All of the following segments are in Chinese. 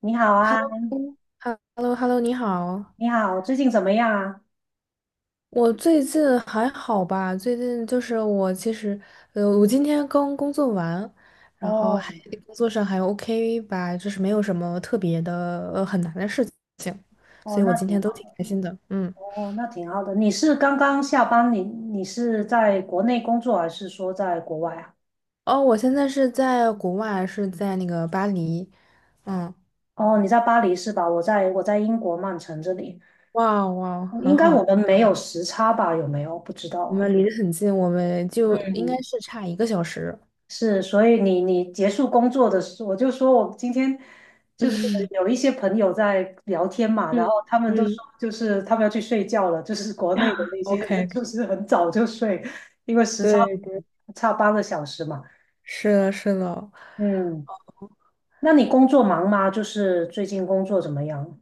你好 h e l 啊。l o hello h e l l o 你好。你好，最近怎么样啊？我最近还好吧？最近就是我其实，我今天刚工作完，然后哦。还工作上还 OK 吧，就是没有什么特别的，很难的事情，哦，所以我那今天挺都好挺的。开心的。嗯。哦，那挺好的。你是刚刚下班，你是在国内工作还是说在国外啊？哦，我现在是在国外，是在那个巴黎。嗯，哦，你在巴黎是吧？我在英国曼城这里。哇哇，嗯很应该好，我们没有时差吧？有没有？不知我道。们离得很近，我们就应该嗯是差1个小时。是，所以你结束工作的时候，我就说我今天就是 有一些朋友在聊天嘛，然后嗯他们都嗯嗯 说就是他们要去睡觉了，就是国内的 那些人，OK，就是很早就睡，因为时差对对，差8个小时嘛。是的，是的。嗯，那你工作忙吗？就是最近工作怎么样？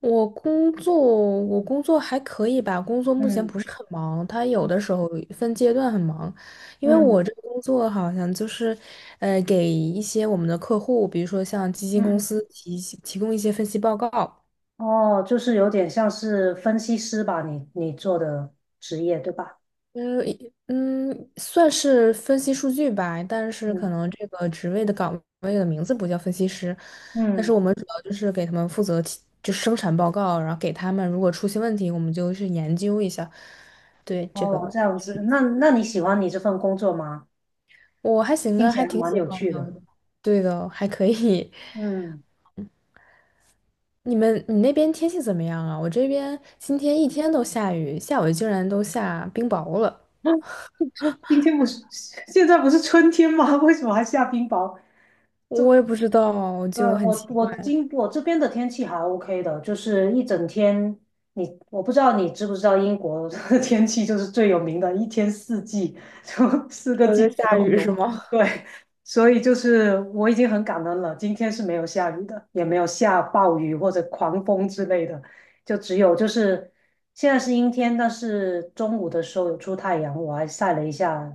我工作还可以吧，工作目前不是很忙，它有的时候分阶段很忙，因为我嗯这个工作好像就是，给一些我们的客户，比如说像基金嗯公嗯，嗯司提供一些分析报告。哦，就是有点像是分析师吧，你做的职业对吧？嗯嗯，算是分析数据吧，但是可嗯能这个职位的岗位的名字不叫分析师，但是嗯。我们主要就是给他们负责提就生产报告，然后给他们如果出现问题，我们就去研究一下。对，这哦，个这样子。那你喜欢你这份工作吗？我还行啊，还挺喜欢的。对的，还可以。嗯。你那边天气怎么样啊？我这边今天一天都下雨，下午竟然都下冰雹了，今天不是，现在不是春天吗？为什么还下冰雹？这我也不知道，对，就很我奇我怪。今我这边的天气还 OK 的，就是一整天。我不知道你知不知道英国的 天气就是最有名的，一天四季，就四个季在节下都雨有。是吗？对，所以就是我已经很感恩了，今天是没有下雨的，也没有下暴雨或者狂风之类的，就只有就是现在是阴天，但是中午的时候有出太阳，我还晒了一下，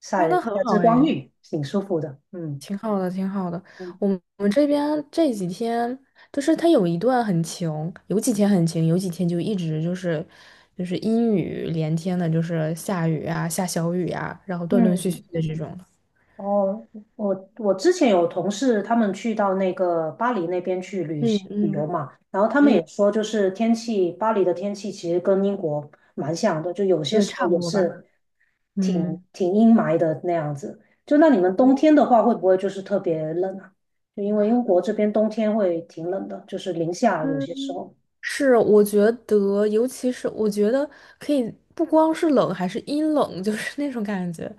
晒哦，了一那很下好日光哎，浴，挺舒服的。嗯挺好的，挺好的。嗯我们这边这几天，就是它有一段很晴，有几天很晴，有几天就一直就是阴雨连天的，就是下雨啊，下小雨啊，然后断断续续嗯。的这种的。哦，我之前有同事，他们去到那个巴黎那边去旅嗯行旅游嗯嘛，然后他们嗯，也说，就是天气，巴黎的天气其实跟英国蛮像的，就有些对，时候差不也多吧。是挺嗯。挺阴霾的那样子。就那你们冬天的话，会不会就是特别冷啊？就因为英国这边冬天会挺冷的，就是零下有嗯，些时候。是，我觉得，尤其是我觉得可以，不光是冷，还是阴冷，就是那种感觉。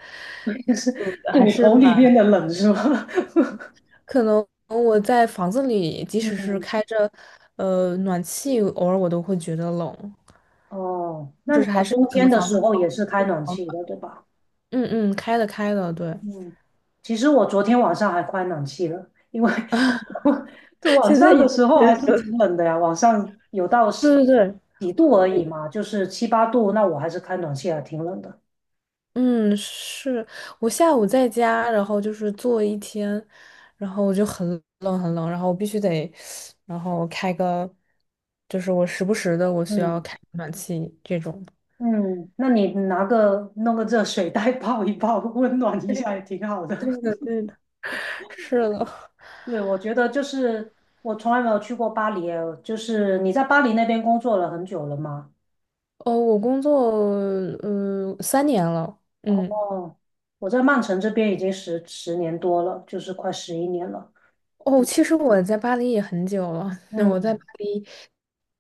就是还骨是头里面蛮。的冷是吗？可能我在房子里，即 使是嗯。开着暖气，偶尔我都会觉得冷，哦，或那你者是还们是冬可天能的房子时不候保也是开不暖保气暖。的，对吧？嗯嗯，开的开的，对。嗯，其实我昨天晚上还开暖气了，因为 我就 晚现在上也的时候还觉是得 挺冷的呀，晚上有到 十对对对，几度而我已嘛，就是七八度，那我还是开暖气还挺冷的。嗯是，我下午在家，然后就是坐一天，然后我就很冷很冷，然后我必须得，然后开个，就是我时不时的我需要嗯开暖气这种。嗯，那你弄个热水袋 泡一泡，温暖一对，下也挺好的。对的对的，是的。是，我觉得就是我从来没有去过巴黎耶，就是你在巴黎那边工作了很久了吗？哦，我工作3年了。嗯。哦，我在曼城这边已经十年多了，就是快11年了。哦，就。其实我在巴黎也很久了，那我在巴嗯，黎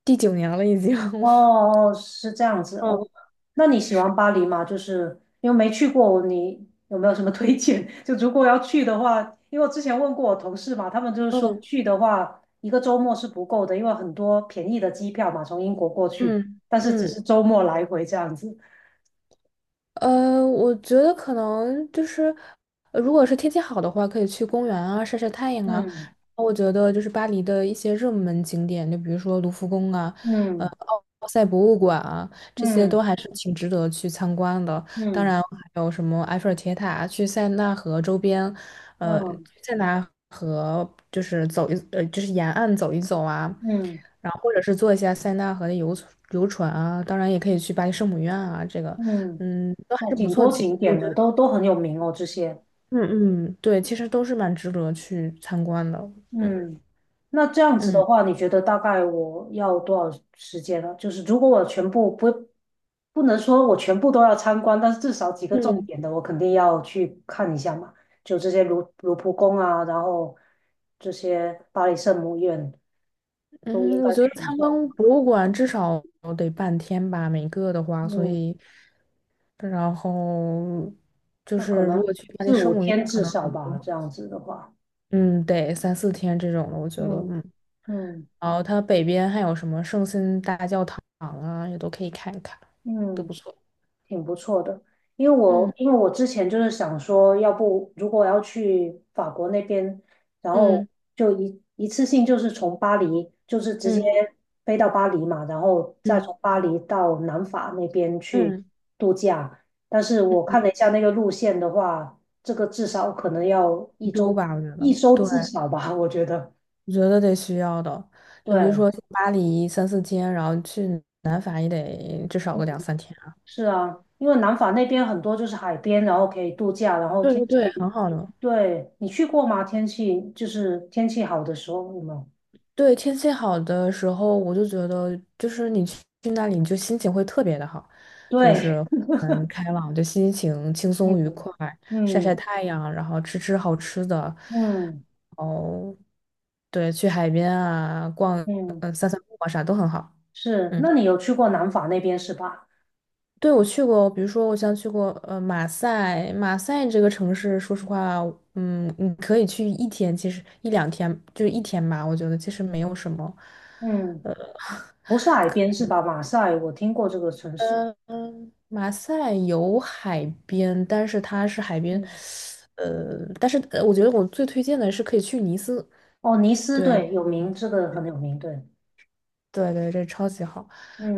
第九年了已经。哦 哦，是这样子哦。嗯那你喜欢巴黎吗？就是因为没去过，你有没有什么推荐？就如果要去的话，因为我之前问过我同事嘛，他们就是说嗯去的话，一个周末是不够的，因为很多便宜的机票嘛，从英国过去，嗯但是只嗯。是周末来回这样子。我觉得可能就是，如果是天气好的话，可以去公园啊，晒晒太阳啊。嗯我觉得就是巴黎的一些热门景点，就比如说卢浮宫啊，呃，嗯奥赛博物馆啊，这些都嗯还是挺值得去参观的。当嗯然还有什么埃菲尔铁塔，去塞纳河周边，嗯呃，嗯塞纳河就是就是沿岸走一走啊，嗯，然后或者是坐一下塞纳河的游船啊，当然也可以去巴黎圣母院啊，这个，嗯嗯，都还哦，是不挺错，多其景我点觉的，得。都很有名哦，这些。嗯嗯，对，其实都是蛮值得去参观的。嗯嗯，那这样子的嗯话，你觉得大概我要多少时间呢？就是如果我全部不，不能说我全部都要参观，但是至少几个重嗯。点的，我肯定要去看一下嘛。就这些卢浮宫啊，然后这些巴黎圣母院都应嗯，该我觉得去一参下。观博物馆至少得半天吧，每个的话，所嗯，以，然后就那可是如能果去巴黎四五圣母院，天可至能少很吧，多，这样子的话。嗯，得三四天这种的，我觉得。嗯嗯。嗯然后它北边还有什么圣心大教堂啊，也都可以看一看，都不嗯。错。挺不错的。因为我嗯因为我之前就是想说，要不如果要去法国那边，然后嗯就一次性就是从巴黎，就是直接嗯飞到巴黎嘛，然后再嗯从巴黎到南法那边去嗯度假。但是我嗯，看了一下那个路线的话，这个至少可能要欧一洲周，吧，我觉一得，周对。至少吧，我觉得。我觉得得需要的。就比如对，说去巴黎三四天，然后去南法也得至少个2、3天。是啊，因为南法那边很多就是海边，然后可以度假，然后对天对对，很气。好的。对，你去过吗？天气就是天气好的时候，有没有？对，天气好的时候，我就觉得就是你去那里，你就心情会特别的好，就对。是开朗，就心情轻嗯松愉快，晒晒嗯太阳，然后吃吃好吃的，嗯对，去海边啊，逛，嗯，散散步啊，啥都很好。是。那嗯。你有去过南法那边是吧？对，我去过，比如说我像去过马赛，马赛这个城市，说实话，嗯，你可以去一天，其实1、2天就是一天吧，我觉得其实没有什么。嗯。呃不是海边是吧？马赛，我听过这个城市。嗯马赛有海边，但是它是海边，嗯。但是我觉得我最推荐的是可以去尼斯。哦，尼斯，对，对，有名，这个很有名，对。对对，这超级好。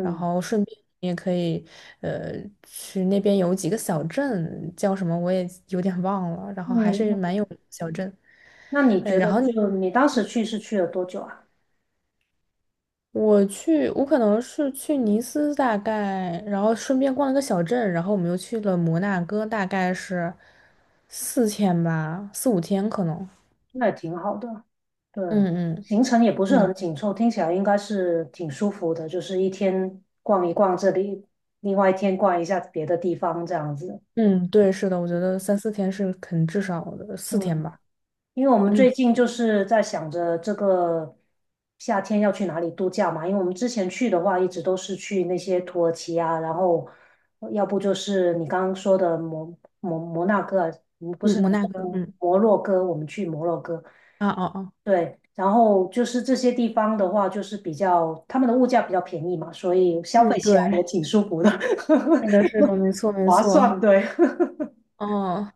然后顺便你也可以，呃，去那边有几个小镇，叫什么我也有点忘了，然后嗯。还是蛮有名的小镇。那你觉得就你当时去是去了多久啊？我可能是去尼斯大概，然后顺便逛了个小镇，然后我们又去了摩纳哥，大概是四天吧，4、5天可能。那也挺好的。对，嗯嗯行程也不是很嗯紧凑，听起来应该是挺舒服的，就是一天逛一逛这里，另外一天逛一下别的地方这样子。嗯，对，是的，我觉得三四天是肯至少的，四天嗯，吧。因为我们嗯最近就是在想着这个夏天要去哪里度假嘛，因为我们之前去的话，一直都是去那些土耳其啊，然后要不就是你刚刚说的摩纳哥啊。不嗯，是摩纳哥。嗯摩洛哥，我们去摩洛哥，啊哦哦，对，然后就是这些地方的话，就是比较他们的物价比较便宜嘛，所以消费嗯起来也对。挺舒服的。是的，是的，没错，没划错。算，对。哦，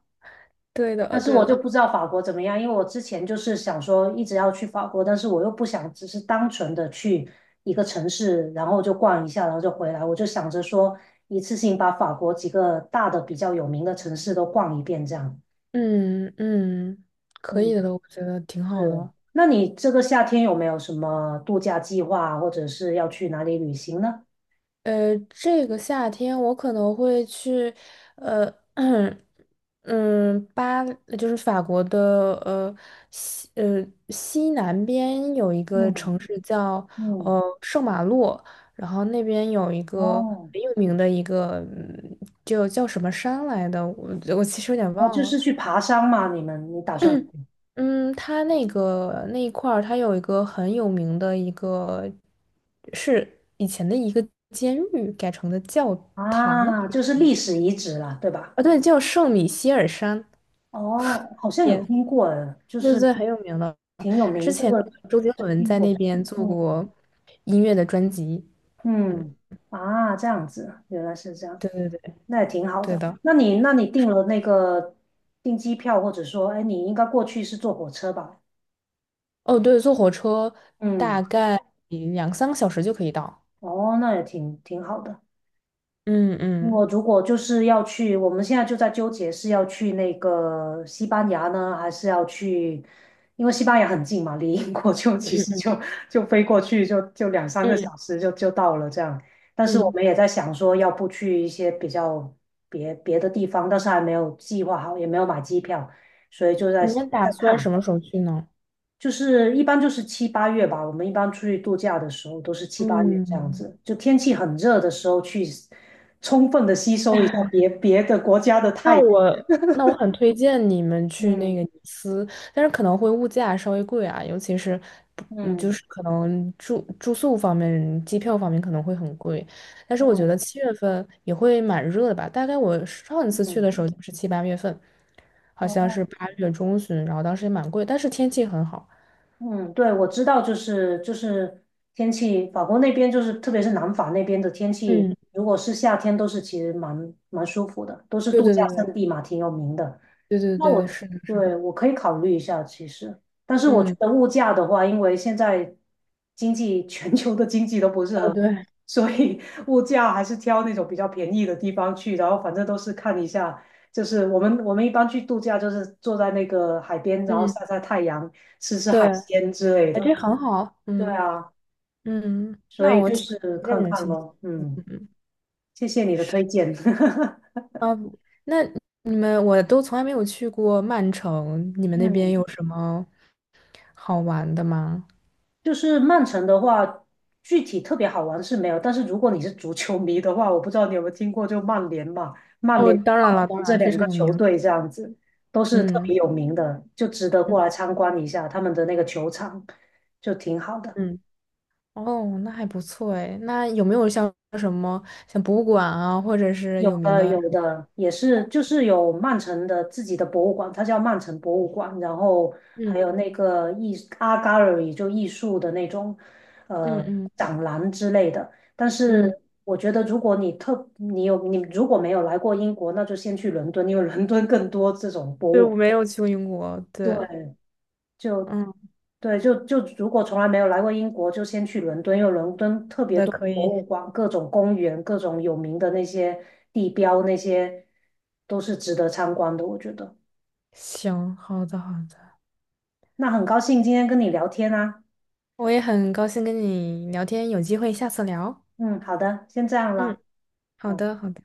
对但的，是对我就的。不知道法国怎么样，因为我之前就是想说一直要去法国，但是我又不想只是单纯的去一个城市，然后就逛一下，然后就回来。我就想着说一次性把法国几个大的比较有名的城市都逛一遍，这样。嗯嗯，可嗯，以的，我觉得挺好是。的。那你这个夏天有没有什么度假计划，或者是要去哪里旅行呢？这个夏天我可能会去，呃，嗯，就是法国的呃西呃西南边有一个嗯城市叫嗯。圣马洛，然后那边有一个哦很有名的一个，就叫什么山来的，我其实有点哦，忘就了。是去爬山嘛，你打算。嗯，它那个那一块儿，它有一个很有名的一个，是以前的一个监狱改成的教堂啊，就是历史遗址啦，对吧？啊，对，叫圣米歇尔山，哦，好像有也听过，哎，就对对是对，很有名的。挺有之名，这前那个个周杰伦听在过。那边做嗯过音乐的专辑。嗯，嗯，啊，这样子啊，原来是这样，对对对，那也挺好对的。的。那你订了那个订机票，或者说，哎，你应该过去是坐火车吧？哦，对，坐火车嗯，大概2、3个小时就可以到。哦，那也挺好的。嗯我嗯如果就是要去，我们现在就在纠结是要去那个西班牙呢，还是要去，因为西班牙很近嘛，离英国就 嗯其实嗯就飞过去就两三个嗯小时就到了这样。但是我嗯，们也在想说，要不去一些比较别的地方，但是还没有计划好，也没有买机票，所以就在你们打在算什看。么时候去呢？就是一般就是七八月吧，我们一般出去度假的时候都是七八月这样嗯。子，就天气很热的时候去充分的吸收一下别的国家的太那阳。我那我很推荐你们去那嗯个尼斯，但是可能会物价稍微贵啊，尤其是不嗯，就嗯是可能住宿方面、机票方面可能会很贵。但是我觉得嗯7月份也会蛮热的吧，大概我上一次去嗯，的时候就是7、8月份，好像哦。是8月中旬，然后当时也蛮贵，但是天气很好。嗯，对，我知道，就是天气，法国那边就是特别是南法那边的天气，嗯，如果是夏天，都是其实蛮舒服的，都是对度对假对胜地嘛，挺有名的。对对对那对，我是的，是对的，我可以考虑一下，其实，但是我觉嗯，得物价的话，因为现在经济 全球的经济都不是哦很好，对，所以物价还是挑那种比较便宜的地方去，然后反正都是看一下，就是我们一般去度假，就是坐在那个海边，然后嗯晒晒太阳，吃吃海对，鲜之类哎，这的。很好，对嗯啊，嗯，所那以我就挺是推荐看你们看去。咯。嗯，嗯。谢谢你的推荐。啊，那我都从来没有去过曼城，你们那边嗯，有什么好玩的吗？就是曼城的话，具体特别好玩是没有，但是如果你是足球迷的话，我不知道你有没有听过，就曼联嘛，曼哦，联、当然曼了，当城这然非两常个有球名。队这样子都是特嗯别有名的，就值得嗯过来参观一下他们的那个球场，就挺好的。嗯，哦，那还不错哎。那有没有像什么像博物馆啊，或者是有有名的的？有的也是，就是有曼城的自己的博物馆，它叫曼城博物馆，然后还有嗯那个Art Gallery 就艺术的那种呃嗯嗯展览之类的。但嗯，是我觉得，如果你如果没有来过英国，那就先去伦敦，因为伦敦更多这种博对，物。我没有去过英国。对，对，就嗯，对，就如果从来没有来过英国，就先去伦敦，因为伦敦特好别的，多可博以，物馆、各种公园、各种有名的那些地标，那些都是值得参观的，我觉得。行，好的好的，那很高兴今天跟你聊天啊，我也很高兴跟你聊天，有机会下次聊。嗯，好的，先这样嗯，了。好好的好的。